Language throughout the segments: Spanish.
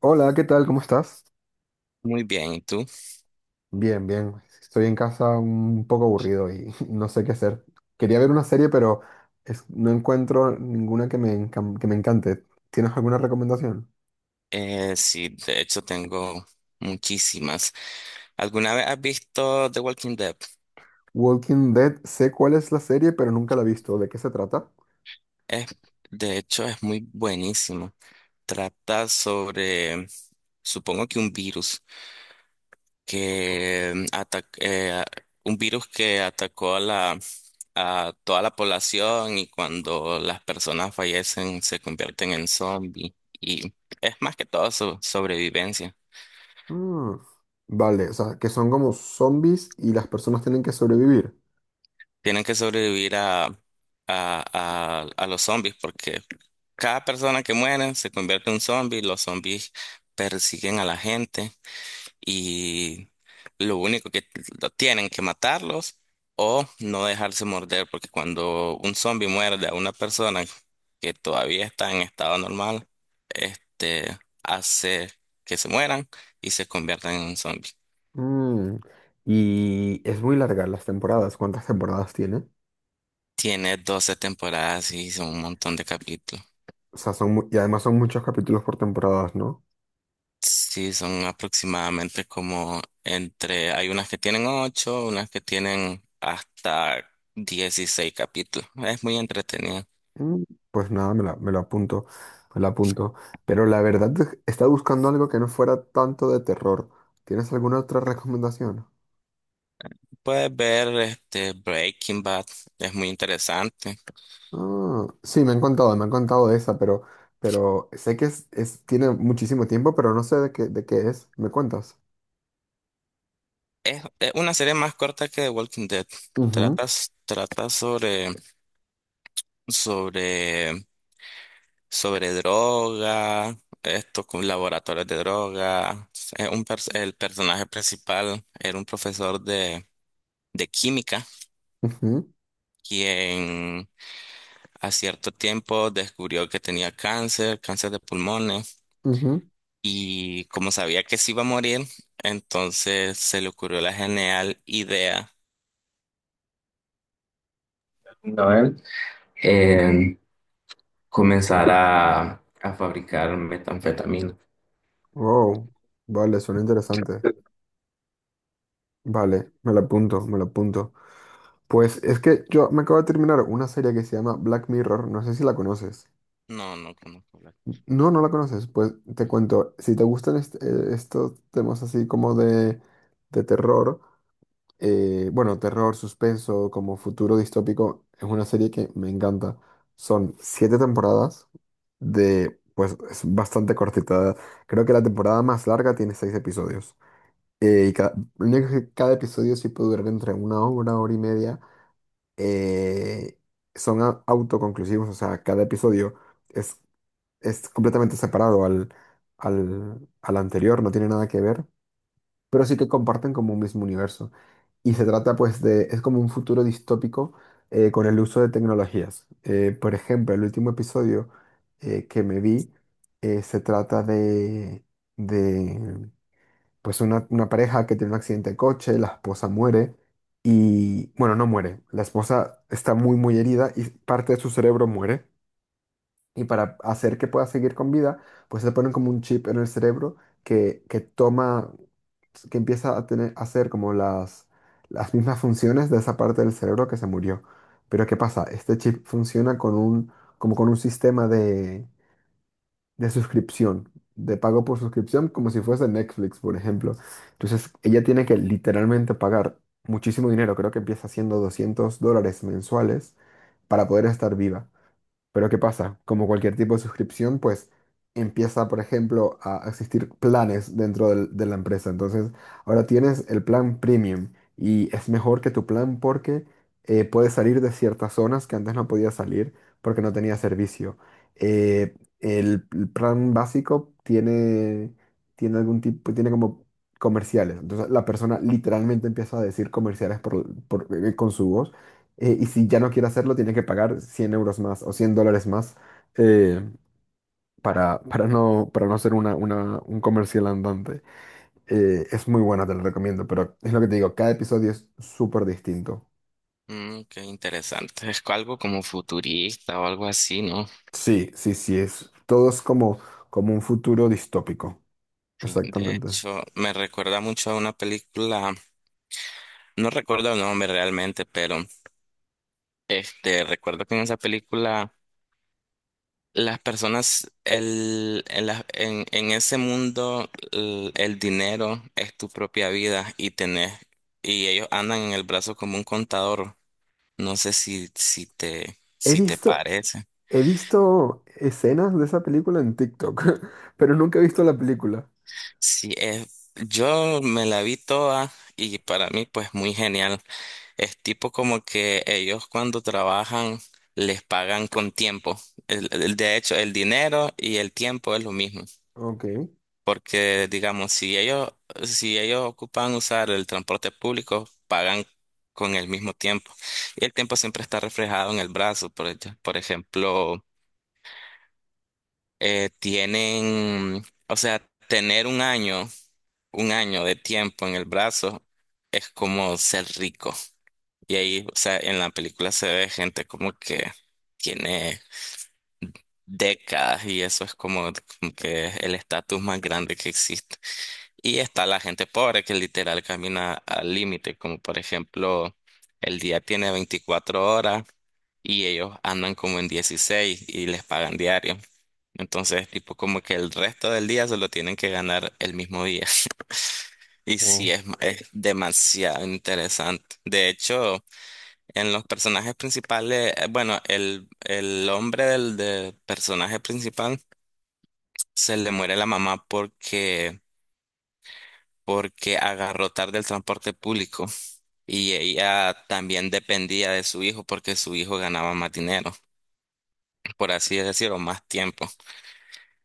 Hola, ¿qué tal? ¿Cómo estás? Muy bien, ¿y tú? Bien, bien. Estoy en casa un poco aburrido y no sé qué hacer. Quería ver una serie, pero no encuentro ninguna que me encante. ¿Tienes alguna recomendación? Sí, de hecho tengo muchísimas. ¿Alguna vez has visto The Walking Dead? Walking Dead, sé cuál es la serie, pero nunca la he visto. ¿De qué se trata? Es, de hecho es muy buenísimo. Trata sobre, supongo que un virus que ataca, un virus que atacó a toda la población y cuando las personas fallecen se convierten en zombies. Y es más que todo su sobrevivencia. Mm, Vale, o sea, que son como zombies y las personas tienen que sobrevivir. Tienen que sobrevivir a los zombies porque cada persona que muere se convierte en un zombie, los zombies persiguen a la gente y lo único que lo tienen que matarlos o no dejarse morder porque cuando un zombie muerde a una persona que todavía está en estado normal, este hace que se mueran y se conviertan en un zombie. Mm, Y es muy larga las temporadas. ¿Cuántas temporadas tiene? Tiene 12 temporadas y son un montón de capítulos. O sea, y además son muchos capítulos por temporadas, ¿no? Sí, son aproximadamente como hay unas que tienen ocho, unas que tienen hasta 16 capítulos. Es muy entretenido. Mm, Pues nada, me lo apunto, me lo apunto. Pero la verdad es estaba buscando algo que no fuera tanto de terror. ¿Tienes alguna otra recomendación? Puedes ver este Breaking Bad, es muy interesante. Ah, sí, me han contado de esa, pero sé que tiene muchísimo tiempo, pero no sé de qué es. ¿Me cuentas? Es una serie más corta que The Walking Dead. Ujú, Trata sobre, sobre, droga, esto con laboratorios de droga. Es el personaje principal era un profesor de química ujú, quien a cierto tiempo descubrió que tenía cáncer, cáncer de pulmones, ujú. y como sabía que se iba a morir, entonces se le ocurrió la genial idea. ¿No? Comenzar a fabricar metanfetamina. Wow, vale, suena interesante. Vale, me lo apunto, me lo apunto. Pues es que yo me acabo de terminar una serie que se llama Black Mirror, no sé si la conoces. No, no conozco la persona. No, no la conoces. Pues te cuento, si te gustan estos temas así como de, terror, bueno, terror, suspenso, como futuro distópico, es una serie que me encanta. Son siete temporadas pues es bastante cortita. Creo que la temporada más larga tiene seis episodios. Lo único que cada episodio sí puede durar entre una hora, hora y media. Eh, Son autoconclusivos, o sea, cada episodio. es es completamente separado al, anterior, no tiene nada que ver, pero sí que comparten como un mismo universo. Y se trata pues es como un futuro distópico, con el uso de tecnologías. Por ejemplo, el último episodio que me vi, se trata de pues una pareja que tiene un accidente de coche, la esposa muere y, bueno, no muere, la esposa está muy muy herida y parte de su cerebro muere. Y para hacer que pueda seguir con vida, pues se ponen como un chip en el cerebro que que empieza a hacer como las mismas funciones de esa parte del cerebro que se murió. Pero ¿qué pasa? Este chip funciona como con un sistema de suscripción, de pago por suscripción, como si fuese Netflix, por ejemplo. Entonces, ella tiene que literalmente pagar muchísimo dinero, creo que empieza siendo $200 mensuales para poder estar viva. Pero ¿qué pasa? Como cualquier tipo de suscripción, pues empieza, por ejemplo, a existir planes dentro de la empresa. Entonces, ahora tienes el plan premium y es mejor que tu plan porque puedes salir de ciertas zonas que antes no podías salir porque no tenía servicio. El plan básico tiene como comerciales. Entonces, la persona literalmente empieza a decir comerciales con su voz, y si ya no quiere hacerlo, tiene que pagar 100 € más o $100 más eh, para no ser una, un comercial andante. Es muy buena, te lo recomiendo, pero es lo que te digo, cada episodio es súper distinto. Mm, qué interesante. Algo como futurista o algo así, ¿no? Sí, sí, sí, todo es como un futuro distópico. Sí. De Exactamente. hecho, me recuerda mucho a una película, no recuerdo el nombre realmente, pero recuerdo que en esa película las personas, en ese mundo, el dinero es tu propia vida y tenés, y ellos andan en el brazo como un contador. No sé si, si te, He si te visto, parece. he visto escenas de esa película en TikTok, pero nunca he visto la película. Sí, yo me la vi toda y para mí pues muy genial. Es tipo como que ellos cuando trabajan les pagan con tiempo. De hecho, el dinero y el tiempo es lo mismo. Ok. Porque, digamos, si ellos ocupan usar el transporte público, pagan con el mismo tiempo. Y el tiempo siempre está reflejado en el brazo. Por ejemplo, o sea, tener un año de tiempo en el brazo es como ser rico. Y ahí, o sea, en la película se ve gente como que tiene décadas y eso es como que el estatus más grande que existe. Y está la gente pobre que literal camina al límite, como por ejemplo, el día tiene 24 horas y ellos andan como en 16 y les pagan diario. Entonces, tipo como que el resto del día se lo tienen que ganar el mismo día. Y sí, Wow. es demasiado interesante. De hecho, en los personajes principales, bueno, el hombre del personaje principal se le muere la mamá porque agarró tarde el transporte público y ella también dependía de su hijo porque su hijo ganaba más dinero, por así decirlo, más tiempo.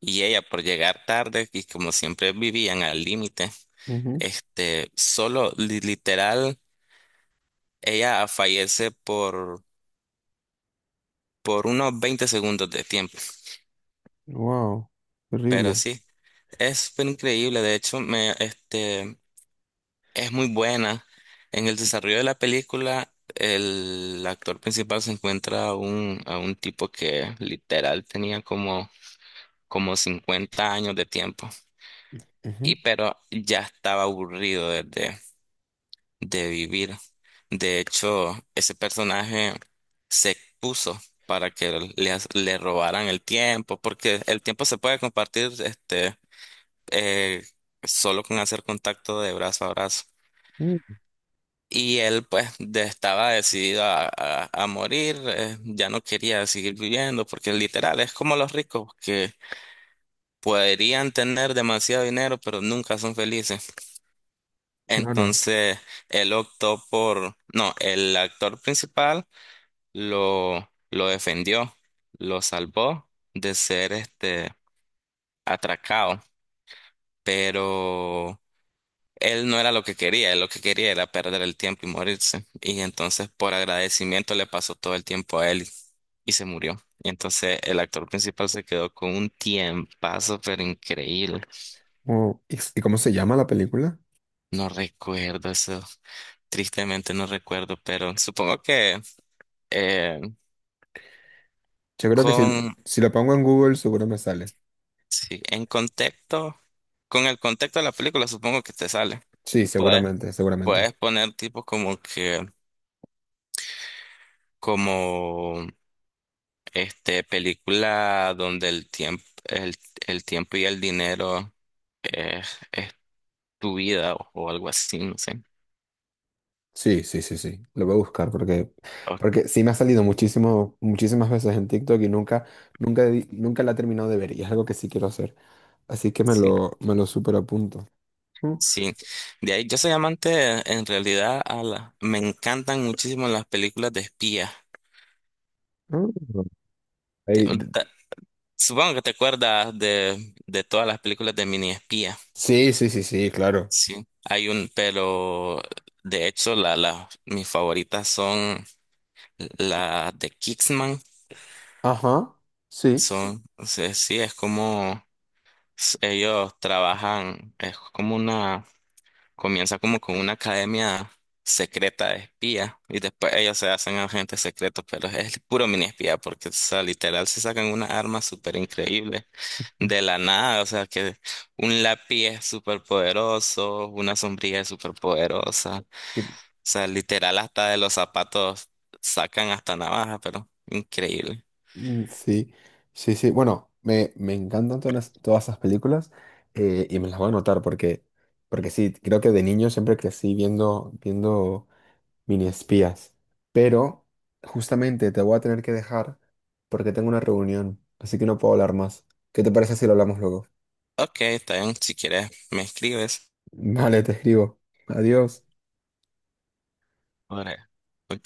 Y ella por llegar tarde y como siempre vivían al límite, Ujú. Solo literal, ella fallece por unos 20 segundos de tiempo. Wow. Pero Terrible. sí, es fue increíble. De hecho, es muy buena. En el desarrollo de la película, el actor principal se encuentra a un tipo que literal tenía como 50 años de tiempo. Ujú. Y pero ya estaba aburrido de vivir. De hecho, ese personaje se puso para que le robaran el tiempo, porque el tiempo se puede compartir eh, solo con hacer contacto de brazo a brazo. Mm, Y él pues estaba decidido a morir, ya no quería seguir viviendo, porque literal es como los ricos que podrían tener demasiado dinero, pero nunca son felices. claro. Entonces él optó no, el actor principal lo defendió, lo salvó de ser atracado, pero él no era lo que quería, él lo que quería era perder el tiempo y morirse. Y entonces por agradecimiento le pasó todo el tiempo a él y se murió. Y entonces el actor principal se quedó con un tiempazo, pero increíble. Oh, ¿y cómo se llama la película? No recuerdo eso, tristemente no recuerdo, pero supongo que eh, Yo creo que si, con, si lo pongo en Google seguro me sale. sí, en contexto, con el contexto de la película supongo que te sale. Sí, Puedes, seguramente, seguramente. puedes poner tipo como que, como... película donde el tiempo y el dinero es tu vida o algo así, no sé. Sí, sí, sí, sí. Lo voy a buscar porque, O- porque sí me ha salido muchísimo, muchísimas veces en TikTok y nunca la he terminado de ver y es algo que sí quiero hacer. Así que me sí, lo, me lo super apunto. Mm, sí. De ahí yo soy amante en realidad me encantan muchísimo las películas de espías. mm. Te- Ahí. ta- Supongo que te acuerdas de todas las películas de mini espía. Sí, sí, sí, sí, claro. Sí. Pero de hecho mis favoritas son las de Kingsman. Ajá, sí. Son, o sea, sí, es como ellos trabajan, comienza como con una academia secreta de espía y después ellos se hacen agentes secretos, pero es puro mini espía porque, o sea, literal se sacan unas armas súper increíbles de la nada, o sea, que un lápiz es súper poderoso, una sombrilla es súper poderosa, o sea, literal hasta de los zapatos sacan hasta navaja, pero increíble. Mm, sí, sí, sí. Bueno, me encantan todas esas películas, y me las voy a anotar porque sí, creo que de niño siempre crecí viendo mini espías. Pero justamente te voy a tener que dejar porque tengo una reunión, así que no puedo hablar más. ¿Qué te parece si lo hablamos luego? Ok, está bien, si quieres me escribes. Vale, te escribo. Adiós. Ahora,